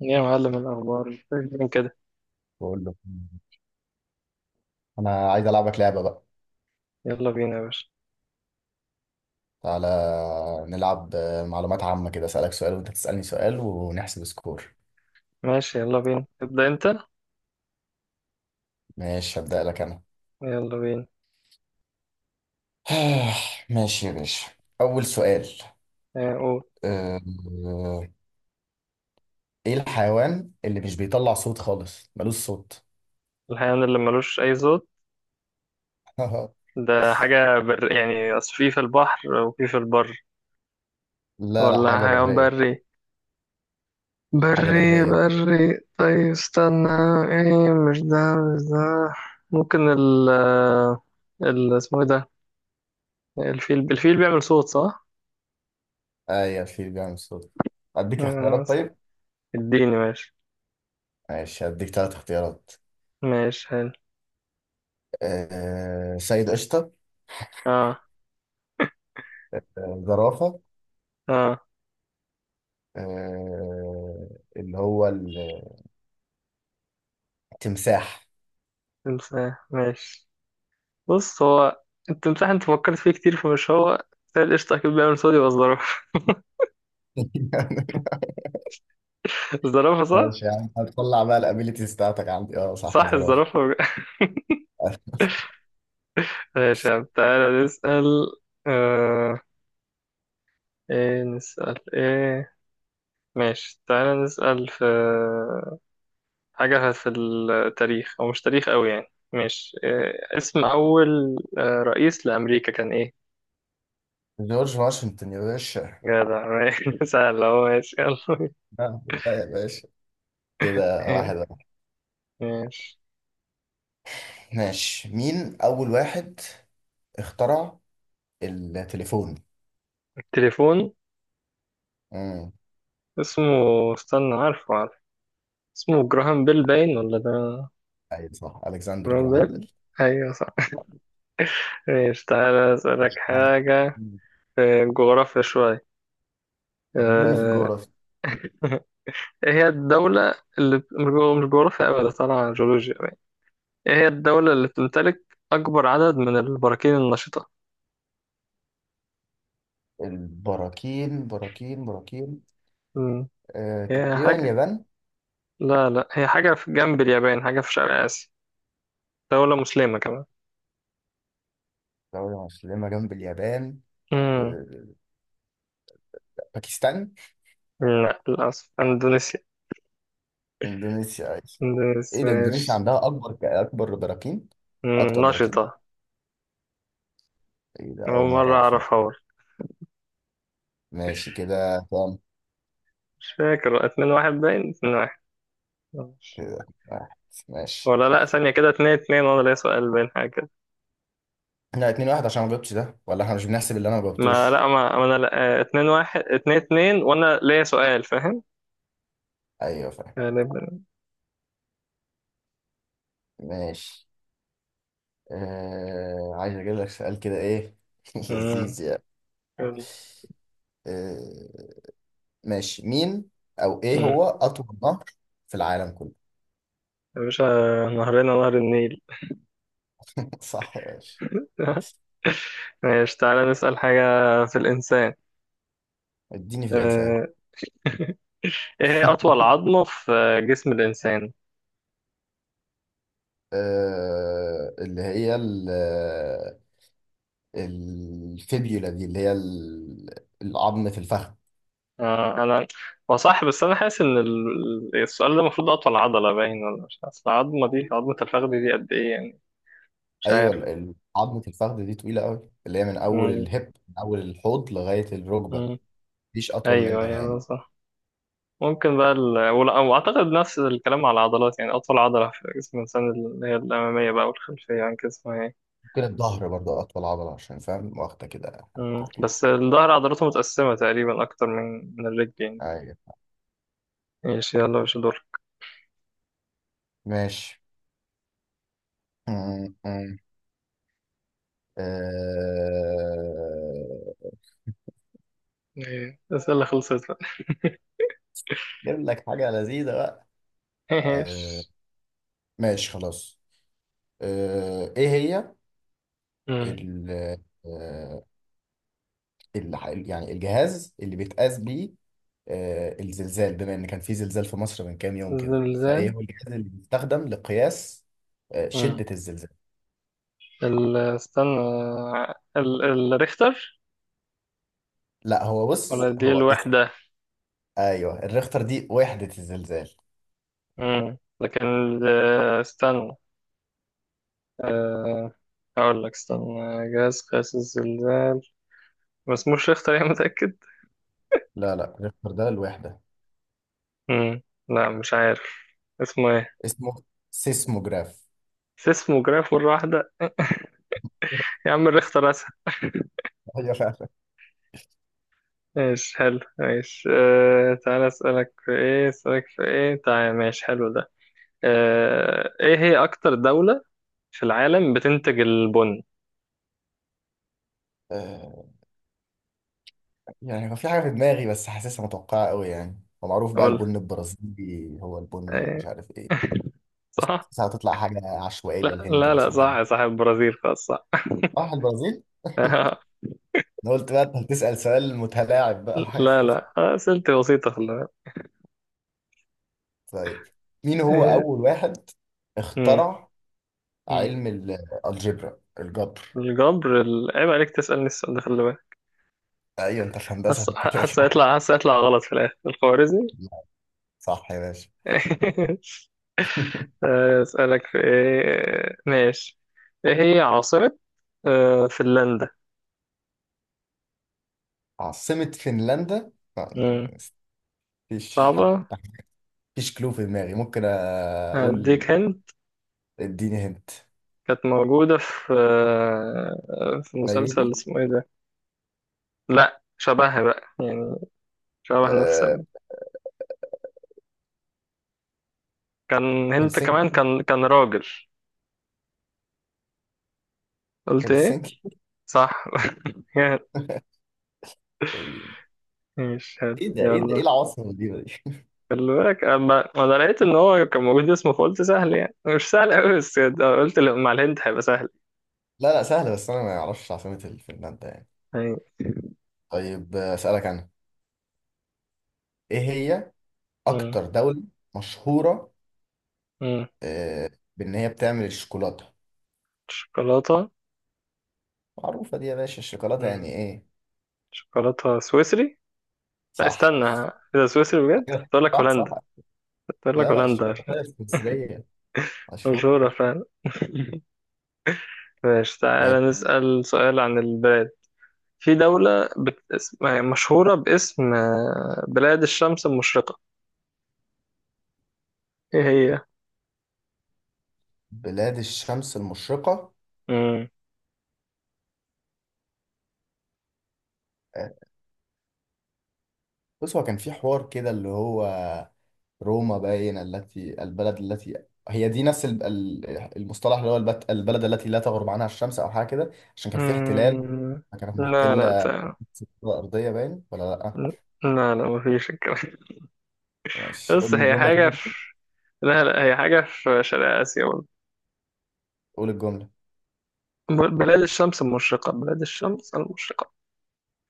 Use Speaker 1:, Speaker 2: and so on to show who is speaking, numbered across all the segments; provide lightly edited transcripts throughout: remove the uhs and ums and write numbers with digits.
Speaker 1: يا معلم، الأخبار فين كده؟
Speaker 2: بقول له، انا عايز العبك لعبه بقى.
Speaker 1: يلا بينا يا باشا.
Speaker 2: تعالى نلعب، معلومات عامه كده، اسالك سؤال وانت تسالني سؤال ونحسب سكور.
Speaker 1: ماشي، يلا بينا، ابدأ أنت.
Speaker 2: ماشي هبدا لك انا.
Speaker 1: يلا بينا.
Speaker 2: ماشي يا باشا، اول سؤال.
Speaker 1: قول.
Speaker 2: آه، آه، ايه الحيوان اللي مش بيطلع صوت خالص، ملوش صوت؟
Speaker 1: الحيوان اللي ملوش أي صوت؟ ده حاجة يعني أصل في البحر وفي البر.
Speaker 2: لا لا،
Speaker 1: ولا
Speaker 2: حاجه
Speaker 1: حيوان
Speaker 2: بريه.
Speaker 1: بري؟
Speaker 2: حاجه
Speaker 1: بري
Speaker 2: بريه بقى.
Speaker 1: بري، طيب استنى. ايه، مش ده. مش ده. ممكن ال-، ال- اسمه ايه ده؟ الفيل، الفيل بيعمل صوت، صح؟
Speaker 2: ايوه في بيعمل صوت. اديك
Speaker 1: آه،
Speaker 2: اختيارات طيب.
Speaker 1: اديني، ماشي.
Speaker 2: ماشي هديك ثلاث اختيارات.
Speaker 1: ماشي، حلو.
Speaker 2: سيد قشطه،
Speaker 1: اه.
Speaker 2: زرافه،
Speaker 1: اه.
Speaker 2: آه، اللي هو التمساح.
Speaker 1: تمساح، ماشي. بص، هو التمساح انت فكرت فيه كتير، فمش هو. بس هي القشطة أكيد بيعمل صوت، يبقى الزرافة. الزرافة، صح؟
Speaker 2: ماشي يا عم، هتطلع بقى الابيليتيز بتاعتك عندي. اه صح،
Speaker 1: صح،
Speaker 2: زرافه.
Speaker 1: الزرافة. ماشي يا عم، تعالى نسأل. آه... ايه نسأل ايه؟ ماشي، تعالى نسأل في حاجة في التاريخ، أو مش تاريخ أوي يعني. ماشي، إيه اسم أول رئيس لأمريكا كان ايه؟
Speaker 2: جورج واشنطن يا باشا.
Speaker 1: جدع، ماشي. سهل أهو، ماشي، يلا.
Speaker 2: لا يا باشا، كده واحد واحد.
Speaker 1: ماشي.
Speaker 2: ماشي، مين أول واحد اخترع التليفون؟
Speaker 1: التليفون.
Speaker 2: امم
Speaker 1: اسمه، استنى، عارفه. اسمه جراهام بيل باين ولا ده؟
Speaker 2: أيوة صح، ألكسندر
Speaker 1: جراهام
Speaker 2: جراهام بيل.
Speaker 1: بيل. ايوه، صح. ماشي، تعالى اسألك
Speaker 2: آه.
Speaker 1: حاجة في الجغرافيا شوية.
Speaker 2: اديني في
Speaker 1: آه،
Speaker 2: الجغرافيا.
Speaker 1: ايه هي الدولة اللي مش جغرافيا أبدا، طالعة جيولوجيا باين. ايه هي الدولة اللي بتمتلك أكبر عدد من البراكين النشطة؟
Speaker 2: البراكين، براكين براكين
Speaker 1: مم. هي
Speaker 2: تقريبا
Speaker 1: حاجة،
Speaker 2: اليابان.
Speaker 1: لا، لا، هي حاجة في جنب اليابان، حاجة في شرق آسيا. دولة مسلمة كمان.
Speaker 2: دولة مسلمة جنب اليابان.
Speaker 1: مم.
Speaker 2: آه، باكستان.
Speaker 1: لا، للأسف إندونيسيا.
Speaker 2: اندونيسيا أيوة. ايه
Speaker 1: إندونيسيا،
Speaker 2: ده، اندونيسيا
Speaker 1: ماشي.
Speaker 2: عندها اكبر براكين. اكتر براكين.
Speaker 1: نشطة.
Speaker 2: ايه ده،
Speaker 1: أول
Speaker 2: اول مره
Speaker 1: مرة
Speaker 2: اعرف.
Speaker 1: أعرفها.
Speaker 2: ماشي، كده كام؟
Speaker 1: مش فاكر، اتنين واحد باين، اتنين واحد. آه.
Speaker 2: كده واحد، ماشي.
Speaker 1: ولا، لا، ثانية كده، اتنين اتنين وانا ليا سؤال باين، حاجة كده.
Speaker 2: لا، اتنين واحد، عشان ما جبتش ده، ولا احنا مش بنحسب اللي انا ما
Speaker 1: ما
Speaker 2: جبتوش؟
Speaker 1: لا ما ما انا لا اتنين واحد، اتنين اتنين، وانا ليا سؤال، فاهم؟
Speaker 2: ايوه فاهم.
Speaker 1: غالبا.
Speaker 2: ماشي. عايز اجيب لك سؤال كده ايه،
Speaker 1: امم.
Speaker 2: لذيذ يعني.
Speaker 1: امم.
Speaker 2: آه... ماشي، مين او ايه هو اطول نهر في العالم كله؟
Speaker 1: يا باشا، نهرنا نهر النيل.
Speaker 2: صح يا باشا.
Speaker 1: ماشي، تعالى نسأل حاجة في الإنسان.
Speaker 2: اديني في الانسان.
Speaker 1: آه، إيه هي أطول عظمة في جسم الإنسان؟
Speaker 2: اللي هي الفيبيولا دي، اللي هي العظم في الفخذ.
Speaker 1: أنا، هو صح، بس أنا حاسس إن السؤال ده المفروض أطول عضلة باين، ولا مش عارف. أصل العظمة دي، عظمة الفخذ دي، قد إيه يعني؟ مش
Speaker 2: ايوه
Speaker 1: عارف.
Speaker 2: العظم في الفخذ دي طويله قوي، اللي هي
Speaker 1: مم.
Speaker 2: من اول الحوض لغايه الركبه.
Speaker 1: مم.
Speaker 2: مفيش اطول
Speaker 1: ايوه،
Speaker 2: منها
Speaker 1: ايوه، ده
Speaker 2: يعني.
Speaker 1: صح. ممكن بقى ال... واعتقد نفس الكلام على العضلات، يعني اطول عضله في جسم الانسان اللي هي الاماميه بقى والخلفيه عن جسمها يعني.
Speaker 2: ممكن الظهر برضه اطول عضله، عشان فاهم واخده كده
Speaker 1: مم.
Speaker 2: حته كبيره.
Speaker 1: بس الظهر عضلاته متقسمه تقريبا اكتر من الرجل يعني.
Speaker 2: ايوه.
Speaker 1: ايش، يلا، مش دور.
Speaker 2: ماشي. م- م. آه،
Speaker 1: إيه. الاسئله خلصت بقى؟
Speaker 2: جيب لك حاجه لذيذه بقى. آه،
Speaker 1: ايش؟
Speaker 2: ماشي خلاص. ايه هي
Speaker 1: مم.
Speaker 2: ال- آه، يعني الجهاز اللي بيتقاس بيه الزلزال؟ بما ان كان في زلزال في مصر من كام يوم كده، فايه
Speaker 1: الزلزال.
Speaker 2: هو الجهاز اللي بيستخدم لقياس
Speaker 1: مم.
Speaker 2: شدة الزلزال؟
Speaker 1: ال... استنى. ال... الريختر.
Speaker 2: لا، هو
Speaker 1: ولا
Speaker 2: بص،
Speaker 1: دي
Speaker 2: هو اسم.
Speaker 1: الوحده؟
Speaker 2: ايوه الريختر دي وحدة الزلزال.
Speaker 1: مم. لكن استنى. آه، هقول لك، استنى، جهاز قياس الزلزال ما اسموش ريختر يا متأكد؟
Speaker 2: لا لا، الريختر ده الوحدة.
Speaker 1: مم. لا، مش عارف. اسمه ايه؟
Speaker 2: اسمه سيسموجراف.
Speaker 1: سيسموجراف مرة واحدة! يا عم، الريختر اسهل.
Speaker 2: ايوه فعلا.
Speaker 1: ماشي، حلو. ماشي. تعالى اسألك في ايه، اسألك في ايه، تعالى، ماشي حلو ده. ايه هي اكتر دولة في العالم بتنتج البن؟
Speaker 2: آه، يعني هو في حاجة في دماغي، بس حاسسها متوقعة قوي. يعني هو معروف بقى
Speaker 1: اقول.
Speaker 2: البن البرازيلي هو البن اللي مش
Speaker 1: إيه.
Speaker 2: عارف ايه. بس
Speaker 1: صح.
Speaker 2: حاسسها هتطلع حاجة عشوائية،
Speaker 1: لا،
Speaker 2: الهند
Speaker 1: لا، لا،
Speaker 2: مثلا، حاجة.
Speaker 1: صح، صح، البرازيل، خلاص صح.
Speaker 2: صح، البرازيل. انا قلت بقى انت هتسأل سؤال متلاعب بقى وحاجات
Speaker 1: لا، لا،
Speaker 2: كده.
Speaker 1: أسئلتي بسيطة، خلي بالك.
Speaker 2: طيب، مين هو
Speaker 1: إيه.
Speaker 2: اول واحد اخترع
Speaker 1: مم.
Speaker 2: علم الجبر؟
Speaker 1: الجبر. عيب عليك تسألني السؤال ده، خلي بالك.
Speaker 2: ايوه انت في هندسة،
Speaker 1: حاسس
Speaker 2: انت كده
Speaker 1: حاسس
Speaker 2: كده.
Speaker 1: هيطلع، حاسس هيطلع غلط في الآخر، الخوارزمي.
Speaker 2: لا، صح يا باشا.
Speaker 1: أسألك في إيه؟ ماشي. إيه هي عاصمة فنلندا؟
Speaker 2: عاصمة فنلندا
Speaker 1: مم.
Speaker 2: مفيش
Speaker 1: صعبة.
Speaker 2: حتى. مفيش، كلو في دماغي ممكن اقول.
Speaker 1: هديك هند.
Speaker 2: اديني هنت.
Speaker 1: كانت موجودة في مسلسل
Speaker 2: نيروبي.
Speaker 1: اسمه إيه ده. لأ، شبهها بقى يعني، شبه نفس
Speaker 2: أه...
Speaker 1: ال-. كان هنت
Speaker 2: هلسنكي.
Speaker 1: كمان، كان راجل. قلت إيه؟
Speaker 2: هلسنكي.
Speaker 1: صح.
Speaker 2: ايه؟
Speaker 1: ماشي، حلو،
Speaker 2: ده ايه، ده ايه
Speaker 1: يلا.
Speaker 2: العواصم دي؟
Speaker 1: خلي بالك، اما ما انا لقيت ان هو كان موجود اسمه، فقلت سهل يعني، مش سهل قوي، بس ده قلت لا، مع الهند هيبقى سهل.
Speaker 2: لا لا، سهلة، بس انا ما اعرفش عاصمة فنلندا يعني.
Speaker 1: يعني.
Speaker 2: طيب اسألك انا. ايه هي
Speaker 1: مم.
Speaker 2: اكتر دولة مشهورة،
Speaker 1: مم.
Speaker 2: آه، بان هي بتعمل الشوكولاتة؟
Speaker 1: شوكولاته.
Speaker 2: معروفة دي يا باشا، الشوكولاتة يعني
Speaker 1: مم.
Speaker 2: ايه.
Speaker 1: شوكولاته سويسري. لا،
Speaker 2: صح.
Speaker 1: استنى. اذا سويسري بجد
Speaker 2: أيوة،
Speaker 1: كنت اقول لك
Speaker 2: صح صح.
Speaker 1: هولندا. كنت اقول لك
Speaker 2: لا لا،
Speaker 1: هولندا، عشان
Speaker 2: الشوكولاتة السويسرية مشهورة.
Speaker 1: مشهوره فعلا. ماشي،
Speaker 2: وهي
Speaker 1: تعالى نسأل سؤال عن البلاد. في دولة يعني مشهورة باسم بلاد الشمس المشرقة. ايه هي؟
Speaker 2: بلاد الشمس المشرقة.
Speaker 1: مم.
Speaker 2: آه، بص، هو كان في حوار كده اللي هو روما باين، التي البلد التي هي دي، نفس المصطلح اللي هو البلد التي لا تغرب عنها الشمس، او حاجة كده، عشان كان في احتلال،
Speaker 1: مم.
Speaker 2: كانت
Speaker 1: لا. لا،
Speaker 2: محتلة الكرة الأرضية باين ولا لأ؟
Speaker 1: لا لا مفيش الكلام.
Speaker 2: ماشي، قول
Speaker 1: بس هي
Speaker 2: الجملة
Speaker 1: حاجة
Speaker 2: تاني.
Speaker 1: في، لا، لا، هي حاجة في شرق آسيا برضه.
Speaker 2: قول الجملة.
Speaker 1: بلاد الشمس المشرقة، بلاد الشمس المشرقة.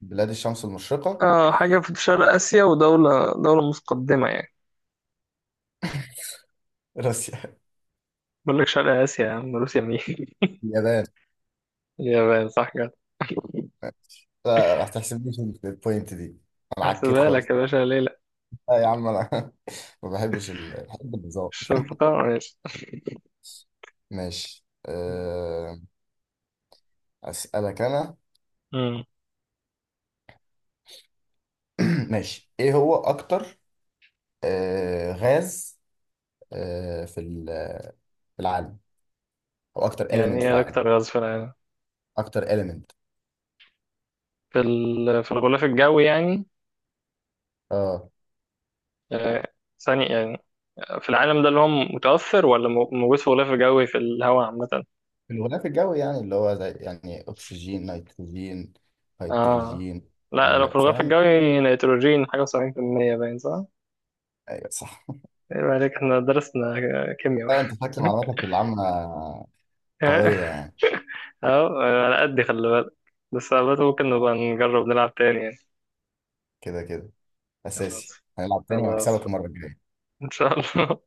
Speaker 2: بلاد الشمس المشرقة.
Speaker 1: آه، حاجة في شرق آسيا، ودولة متقدمة يعني.
Speaker 2: روسيا.
Speaker 1: بقول لك شرق آسيا يا عم، روسيا مين؟
Speaker 2: اليابان.
Speaker 1: اليابان، صح كده.
Speaker 2: لا، ما تحسبنيش في البوينت دي، انا عكيت
Speaker 1: هحسبها لك
Speaker 2: خالص.
Speaker 1: يا باشا، ليه لا؟
Speaker 2: لا يا عم انا، ما بحبش بحب النظام.
Speaker 1: الشفقة، ماشي.
Speaker 2: ماشي. اسالك انا.
Speaker 1: أمم.
Speaker 2: ماشي، ايه هو اكتر غاز في في العالم، او اكتر
Speaker 1: يعني
Speaker 2: اليمنت في
Speaker 1: ايه
Speaker 2: العالم؟
Speaker 1: أكتر غاز في العالم؟
Speaker 2: اكتر اليمنت.
Speaker 1: في ال... في الغلاف الجوي يعني؟
Speaker 2: اه.
Speaker 1: آه. ثاني يعني، في العالم ده، اللي هو متوفر ولا موجود في غلاف جوي في الهواء عامة؟
Speaker 2: في الغلاف الجوي، يعني اللي هو زي يعني اكسجين، نيتروجين،
Speaker 1: اه.
Speaker 2: هيدروجين.
Speaker 1: لا، لو في
Speaker 2: هيليا،
Speaker 1: الغلاف
Speaker 2: فاهم.
Speaker 1: الجوي نيتروجين حاجة و70% باين، صح؟
Speaker 2: ايوه صح.
Speaker 1: ايه عليك، احنا درسنا كيمياء.
Speaker 2: لا، انت فاكر معلوماتك العامة قوية يعني.
Speaker 1: اهو على قد خلي بالك. بس على بالك ممكن نبقى نجرب نلعب تاني يعني.
Speaker 2: كده كده،
Speaker 1: خلاص.
Speaker 2: اساسي هنلعب تاني
Speaker 1: خلاص.
Speaker 2: وهكسبك المرة الجاية.
Speaker 1: ان شاء الله.